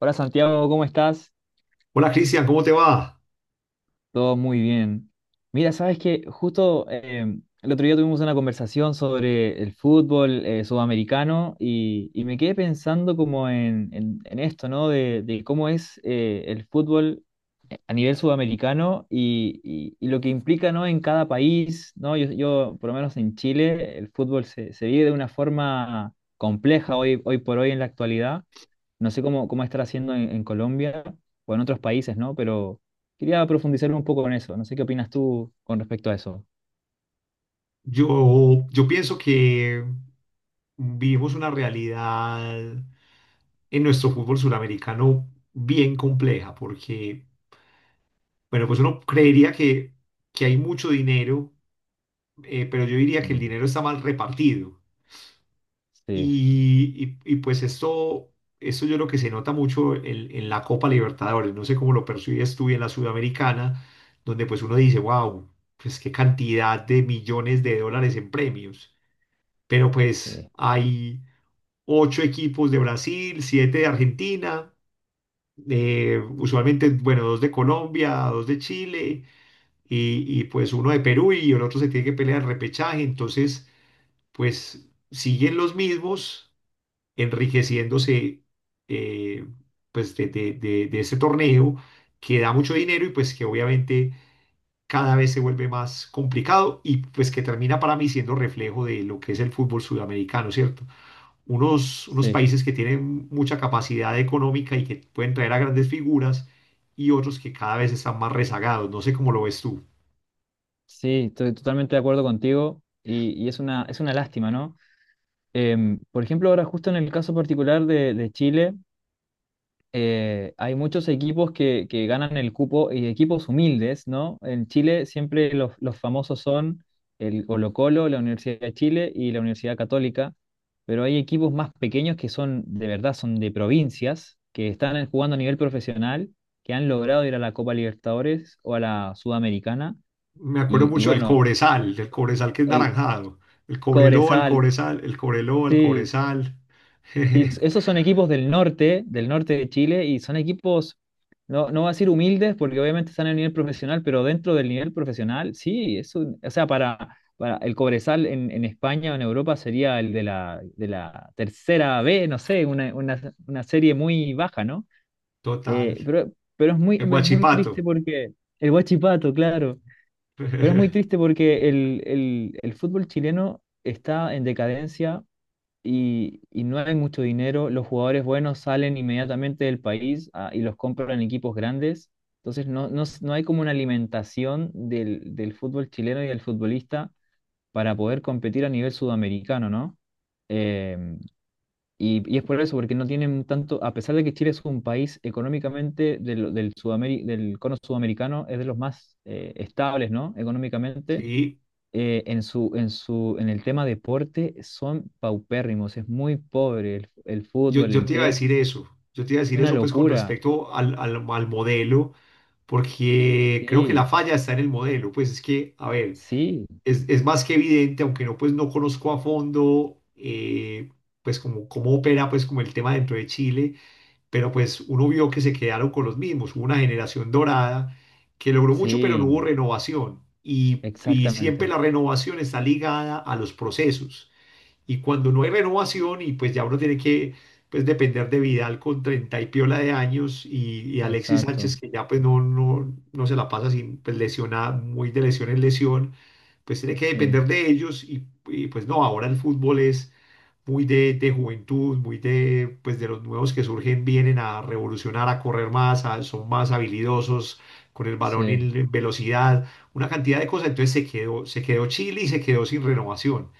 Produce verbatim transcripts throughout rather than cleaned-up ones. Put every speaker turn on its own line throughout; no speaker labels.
Hola Santiago, ¿cómo estás?
Hola Cristian, ¿cómo te va?
Todo muy bien. Mira, sabes que justo eh, el otro día tuvimos una conversación sobre el fútbol eh, sudamericano y, y me quedé pensando como en, en- en esto, ¿no? De, de cómo es eh, el fútbol a nivel sudamericano y, y- y lo que implica, ¿no? En cada país, ¿no? Yo, yo, por lo menos en Chile, el fútbol se, se vive de una forma compleja hoy, hoy por hoy en la actualidad. No sé cómo, cómo estar haciendo en, en Colombia o en otros países, ¿no? Pero quería profundizar un poco en eso. No sé qué opinas tú con respecto a eso.
Yo, yo pienso que vivimos una realidad en nuestro fútbol suramericano bien compleja, porque, bueno, pues uno creería que, que hay mucho dinero, eh, pero yo diría que el
Mm,
dinero está mal repartido.
sí,
Y, y- y, pues esto, esto yo creo que se nota mucho en, en la Copa Libertadores, no sé cómo lo percibes tú en la Sudamericana, donde pues uno dice, wow, pues qué cantidad de millones de dólares en premios, pero pues
sí,
hay ocho equipos de Brasil, siete de Argentina, eh, usualmente, bueno, dos de Colombia, dos de Chile y, y pues uno de Perú y el otro se tiene que pelear el repechaje, entonces pues siguen los mismos enriqueciéndose eh, pues de, de- de- de ese torneo que da mucho dinero y pues que obviamente cada vez se vuelve más complicado y pues que termina para mí siendo reflejo de lo que es el fútbol sudamericano, ¿cierto? Unos, unos
sí,
países que tienen mucha capacidad económica y que pueden traer a grandes figuras y otros que cada vez están más rezagados, no sé cómo lo ves tú.
sí, estoy totalmente de acuerdo contigo y, y es una, es una lástima, ¿no? Em, por ejemplo, ahora justo en el caso particular de, de Chile. Eh, hay muchos equipos que, que ganan el cupo y equipos humildes, ¿no? En Chile siempre los, los famosos son el Colo-Colo, la Universidad de Chile y la Universidad Católica, pero hay equipos más pequeños que son, de verdad, son de provincias, que están en- jugando a nivel profesional, que han logrado ir a la Copa Libertadores o a la Sudamericana,
Me acuerdo
y, y
mucho del
bueno,
Cobresal, del Cobresal que es
el
naranjado, el Cobreloa, el
Cobresal,
Cobresal, el Cobreloa, el
sí.
Cobresal.
Sí, esos son equipos del norte, del norte de Chile, y son equipos, no, no va a decir humildes, porque obviamente están en el nivel profesional, pero dentro del nivel profesional, sí, eso, o sea, para, para el Cobresal en, en España o en Europa sería el de la, de la tercera B, no sé, una, una, una serie muy baja, ¿no?
Total.
Eh, pero, pero es muy,
El
pero es muy triste
Guachipato.
porque el Huachipato, claro, pero es muy triste porque el, el, el fútbol chileno está en decadencia y, y no hay mucho dinero, los jugadores buenos salen inmediatamente del país ah, y los compran en equipos grandes. Entonces no, no, s- no hay como una alimentación del, del fútbol chileno y del futbolista para poder competir a nivel sudamericano, ¿no? Em, y, y es por eso, porque no tienen tanto, a pesar de que Chile es un país económicamente del, del, Sudameri- del cono sudamericano, es de los más eh, estables, ¿no? Económicamente,
Sí,
eh, en su, en su, en el tema deporte son paupérrimos, es muy pobre el, el
yo,
fútbol,
yo
el
te iba a
tenis,
decir eso. Yo te iba a decir
una
eso pues con
locura.
respecto al, al, al modelo, porque creo que la
Sí,
falla está en el modelo. Pues es que, a ver,
sí,
es, es más que evidente, aunque no pues no conozco a fondo eh, pues como cómo opera pues como el tema dentro de Chile, pero pues uno vio que se quedaron con los mismos. Hubo una generación dorada que logró mucho, pero no hubo
sí,
renovación. Y, y siempre
exactamente,
la renovación está ligada a los procesos. Y cuando no hay renovación y pues ya uno tiene que pues depender de Vidal con treinta y piola de años y, y Alexis Sánchez
exacto.
que ya pues no, no, no se la pasa sin pues lesionada muy de lesión en lesión, pues tiene que
Sí,
depender de ellos y, y, pues no, ahora el fútbol es muy de, de juventud, muy de, pues de los nuevos que surgen, vienen a revolucionar, a correr más, a- son más habilidosos con el balón
sí,
en en velocidad, una cantidad de cosas. Entonces se quedó, se quedó Chile y se quedó sin renovación.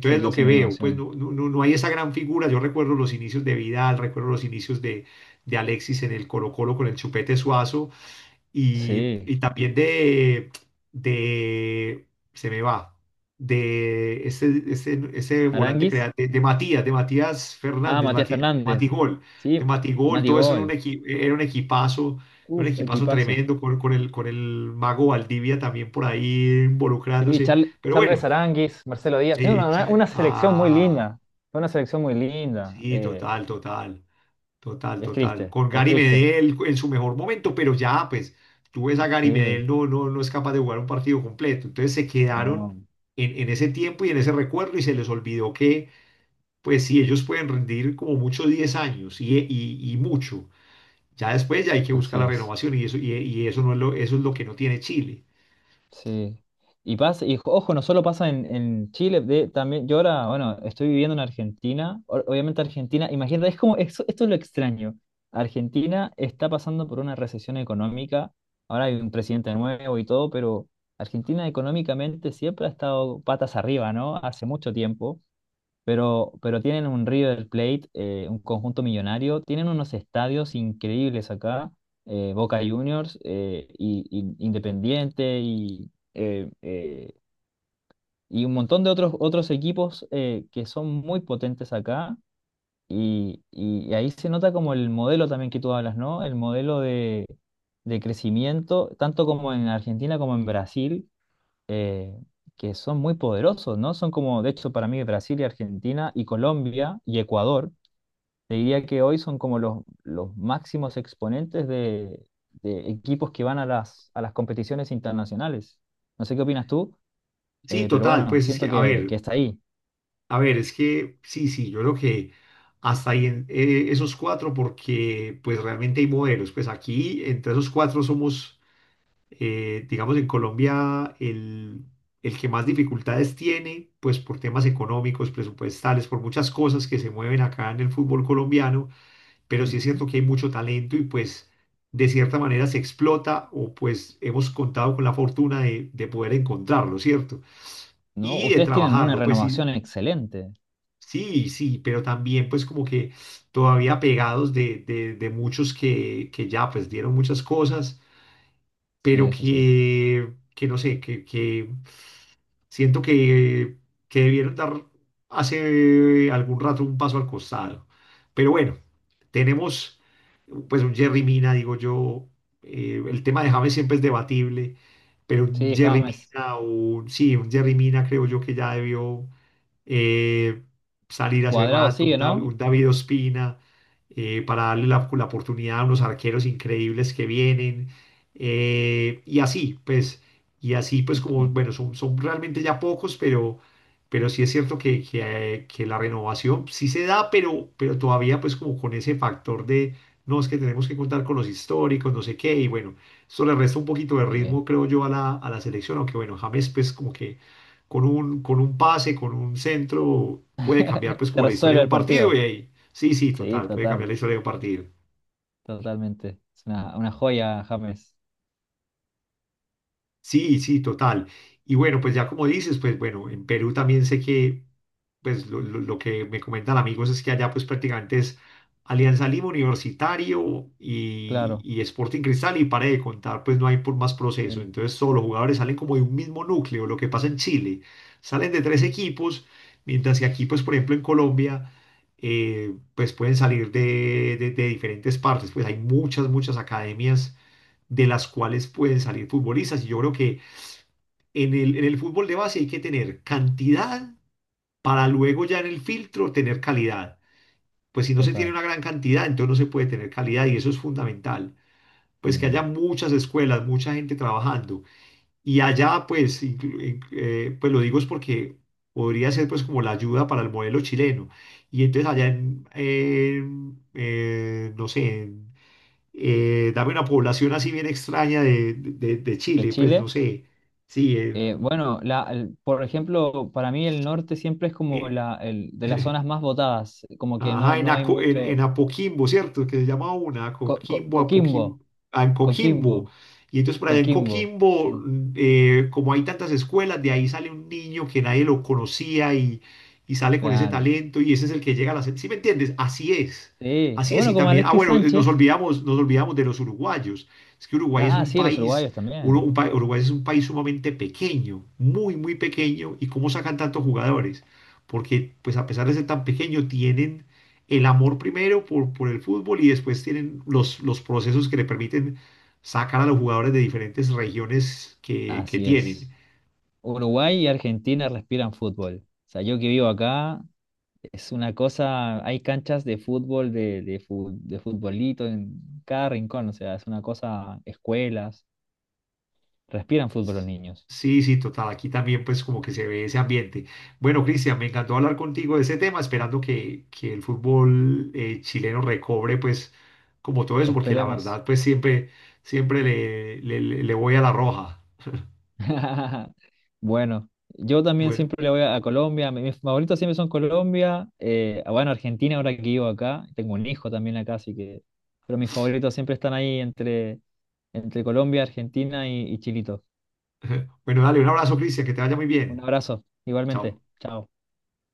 se
lo
quedó
que
sin
veo, pues
renovación.
no, no, no no hay esa gran figura. Yo recuerdo los inicios de Vidal, recuerdo los inicios de, de Alexis en el Colo-Colo con el Chupete Suazo y,
Sí.
y también de, de, se me va, de ese, ese, ese volante
Aranguis.
creativo, de, de Matías, de Matías
Ah,
Fernández,
Matías
Matías, de
Fernández.
Matigol, de
Sí,
Matigol,
Mati
todo eso era un,
Gol.
equi- era un equipazo, un
Uf,
equipazo
equipazos.
tremendo con, con el, con el mago Valdivia también por ahí
Sí,
involucrándose.
Char-
Pero bueno,
Charles Aránguiz, Marcelo Díaz. Tiene
eh,
una, una-
cha-
una selección muy
ah,
linda. Fue una selección muy linda.
sí,
Eh,
total, total. Total,
es
total.
triste,
Con
es
Gary
triste.
Medel en su mejor momento, pero ya, pues, tú ves a Gary
Sí,
Medel, no, no, no es capaz de jugar un partido completo. Entonces se quedaron
no,
en, en ese tiempo y en ese recuerdo y se les olvidó que, pues, sí, ellos pueden rendir como mucho diez años y, y, y mucho. Ya después ya hay que buscar
así
la
es.
renovación y eso, y, y eso no es lo, eso es lo que no tiene Chile.
Sí. Y pasa, y ojo, no solo pasa en, en Chile, de, también, yo ahora, bueno, estoy viviendo en Argentina. o- Obviamente Argentina, imagínate, es como, esto, esto es lo extraño. Argentina está pasando por una recesión económica. Ahora hay un presidente nuevo y todo, pero Argentina económicamente siempre ha estado patas arriba, ¿no? Hace mucho tiempo. Pero, pero tienen un River Plate, eh, un conjunto millonario, tienen unos estadios increíbles acá, eh, Boca Juniors, eh, y, y Independiente y, eh, eh, y un montón de otros, otros equipos eh, que son muy potentes acá. Y, y ahí se nota como el modelo también que tú hablas, ¿no? El modelo de, de crecimiento, tanto como en Argentina como en Brasil eh, que son muy poderosos, ¿no? Son como, de hecho, para mí Brasil y Argentina y Colombia y Ecuador, te diría que hoy son como los, los máximos exponentes de, de equipos que van a las, a las competiciones internacionales. No sé qué opinas tú,
Sí,
eh, pero
total,
bueno,
pues es
siento
que, a
que, que
ver,
está ahí,
A ver, es que sí, sí, yo creo que hasta ahí en, eh, esos cuatro, porque pues realmente hay modelos. Pues aquí, entre esos cuatro, somos, eh, digamos, en Colombia, el, el que más dificultades tiene, pues por temas económicos, presupuestales, por muchas cosas que se mueven acá en el fútbol colombiano. Pero sí es
ujú.
cierto que hay mucho talento y pues de cierta manera se explota o pues hemos contado con la fortuna de, de poder encontrarlo, ¿cierto?
¿No?
Y de
Ustedes tienen una
trabajarlo. Pues sí,
renovación excelente.
sí, sí, pero también pues como que todavía pegados de, de, de muchos que, que ya pues dieron muchas cosas,
Sí,
pero
eso sí.
que, que no sé, que, que siento que, que debieron dar hace algún rato un paso al costado. Pero bueno, tenemos pues un Jerry Mina, digo yo, eh, el tema de James siempre es debatible, pero un
Sí,
Jerry
James
Mina, o un- sí, un Jerry Mina creo yo que ya debió eh, salir hace
Cuadrado
rato, un,
sigue,
Dav-
¿no?
un David Ospina, eh, para darle la, la oportunidad a unos arqueros increíbles que vienen. Eh, y así, pues, y así, pues, como,
Ok.
bueno, son, son realmente ya pocos, pero, pero sí es cierto que, que, que la renovación sí se da, pero, pero todavía, pues, como con ese factor de, no, es que tenemos que contar con los históricos, no sé qué, y bueno, eso le resta un poquito de
Eh,
ritmo, creo yo, a la, a la selección, aunque bueno, James, pues, como que con un, con un pase, con un centro, puede cambiar pues
te
como la historia
resuelve
de un
el
partido
partido.
y ahí, sí, sí,
Sí,
total, puede cambiar la
total.
historia de un partido.
Totalmente. Es una, una joya, James.
Sí, sí, total. Y bueno, pues ya como dices, pues bueno, en Perú también sé que, pues lo, lo- lo que me comentan amigos es que allá pues prácticamente es Alianza Lima Universitario y,
Claro,
y Sporting Cristal y para de contar, pues no hay por más proceso.
sí,
Entonces todos los jugadores salen como de un mismo núcleo, lo que pasa en Chile. Salen de tres equipos, mientras que aquí pues por ejemplo en Colombia, eh, pues pueden salir de, de de diferentes partes. Pues hay muchas, muchas academias de las cuales pueden salir futbolistas y yo creo que en el, en el fútbol de base hay que tener cantidad para luego ya en el filtro tener calidad. Pues si no se tiene
total.
una gran cantidad, entonces no se puede tener calidad y eso es fundamental. Pues que haya
Mm.
muchas escuelas, mucha gente trabajando. Y allá, pues, inclu- in- eh, pues lo digo es porque podría ser pues como la ayuda para el modelo chileno. Y entonces allá en, en, eh, no sé, en, eh, dame una población así bien extraña de, de, de
De
Chile, pues no
Chile.
sé, sí,
Eh,
en,
bueno, la, el- por ejemplo, para mí el norte siempre es como la, el, de las zonas más votadas, como que no,
ajá, en,
no hay
Aco- en, en
mucho.
Apoquimbo, ¿cierto? Que se llama una,
Co- co-
Apoquimbo,
Coquimbo,
Apoquimbo, ah, en
Coquimbo,
Coquimbo. Y entonces por allá en
Coquimbo.
Coquimbo,
Sí,
mm, eh, como hay tantas escuelas, de ahí sale un niño que nadie lo conocía y, y sale con ese
claro.
talento y ese es el que llega a la... se- ¿Sí me entiendes? Así es.
Sí. O
Así es.
bueno,
Y
como
también, ah,
Alexis
bueno, eh, nos
Sánchez.
olvidamos, nos olvidamos de los uruguayos. Es que Uruguay es
Ah,
un
sí, los
país,
uruguayos
uno-
también.
un pa- Uruguay es un país sumamente pequeño, muy, muy pequeño. ¿Y cómo sacan tantos jugadores? Porque pues a pesar de ser tan pequeño, tienen el amor primero por, por el fútbol y después tienen los, los procesos que le permiten sacar a los jugadores de diferentes regiones que, que
Así
tienen.
es. Uruguay y Argentina respiran fútbol. O sea, yo que vivo acá. Es una cosa, hay canchas de fútbol, de, de, fu- de futbolito en cada rincón, o sea, es una cosa, escuelas, respiran fútbol los niños.
Sí, sí, total. Aquí también pues como que se ve ese ambiente. Bueno, Cristian, me encantó hablar contigo de ese tema, esperando que, que el fútbol eh, chileno recobre pues como todo eso, porque la
Esperemos.
verdad pues siempre, siempre le, le, le le voy a la roja.
Bueno, yo también
Bueno,
siempre le voy a, a Colombia, mi- mis favoritos siempre son Colombia, eh, ah, bueno, Argentina ahora que vivo acá, tengo un hijo también acá, así que, pero mis favoritos siempre están ahí entre, entre Colombia, Argentina y, y Chilito.
bueno, dale un abrazo, Cristian, que te vaya muy
Un
bien.
abrazo, igualmente,
Chao.
chao.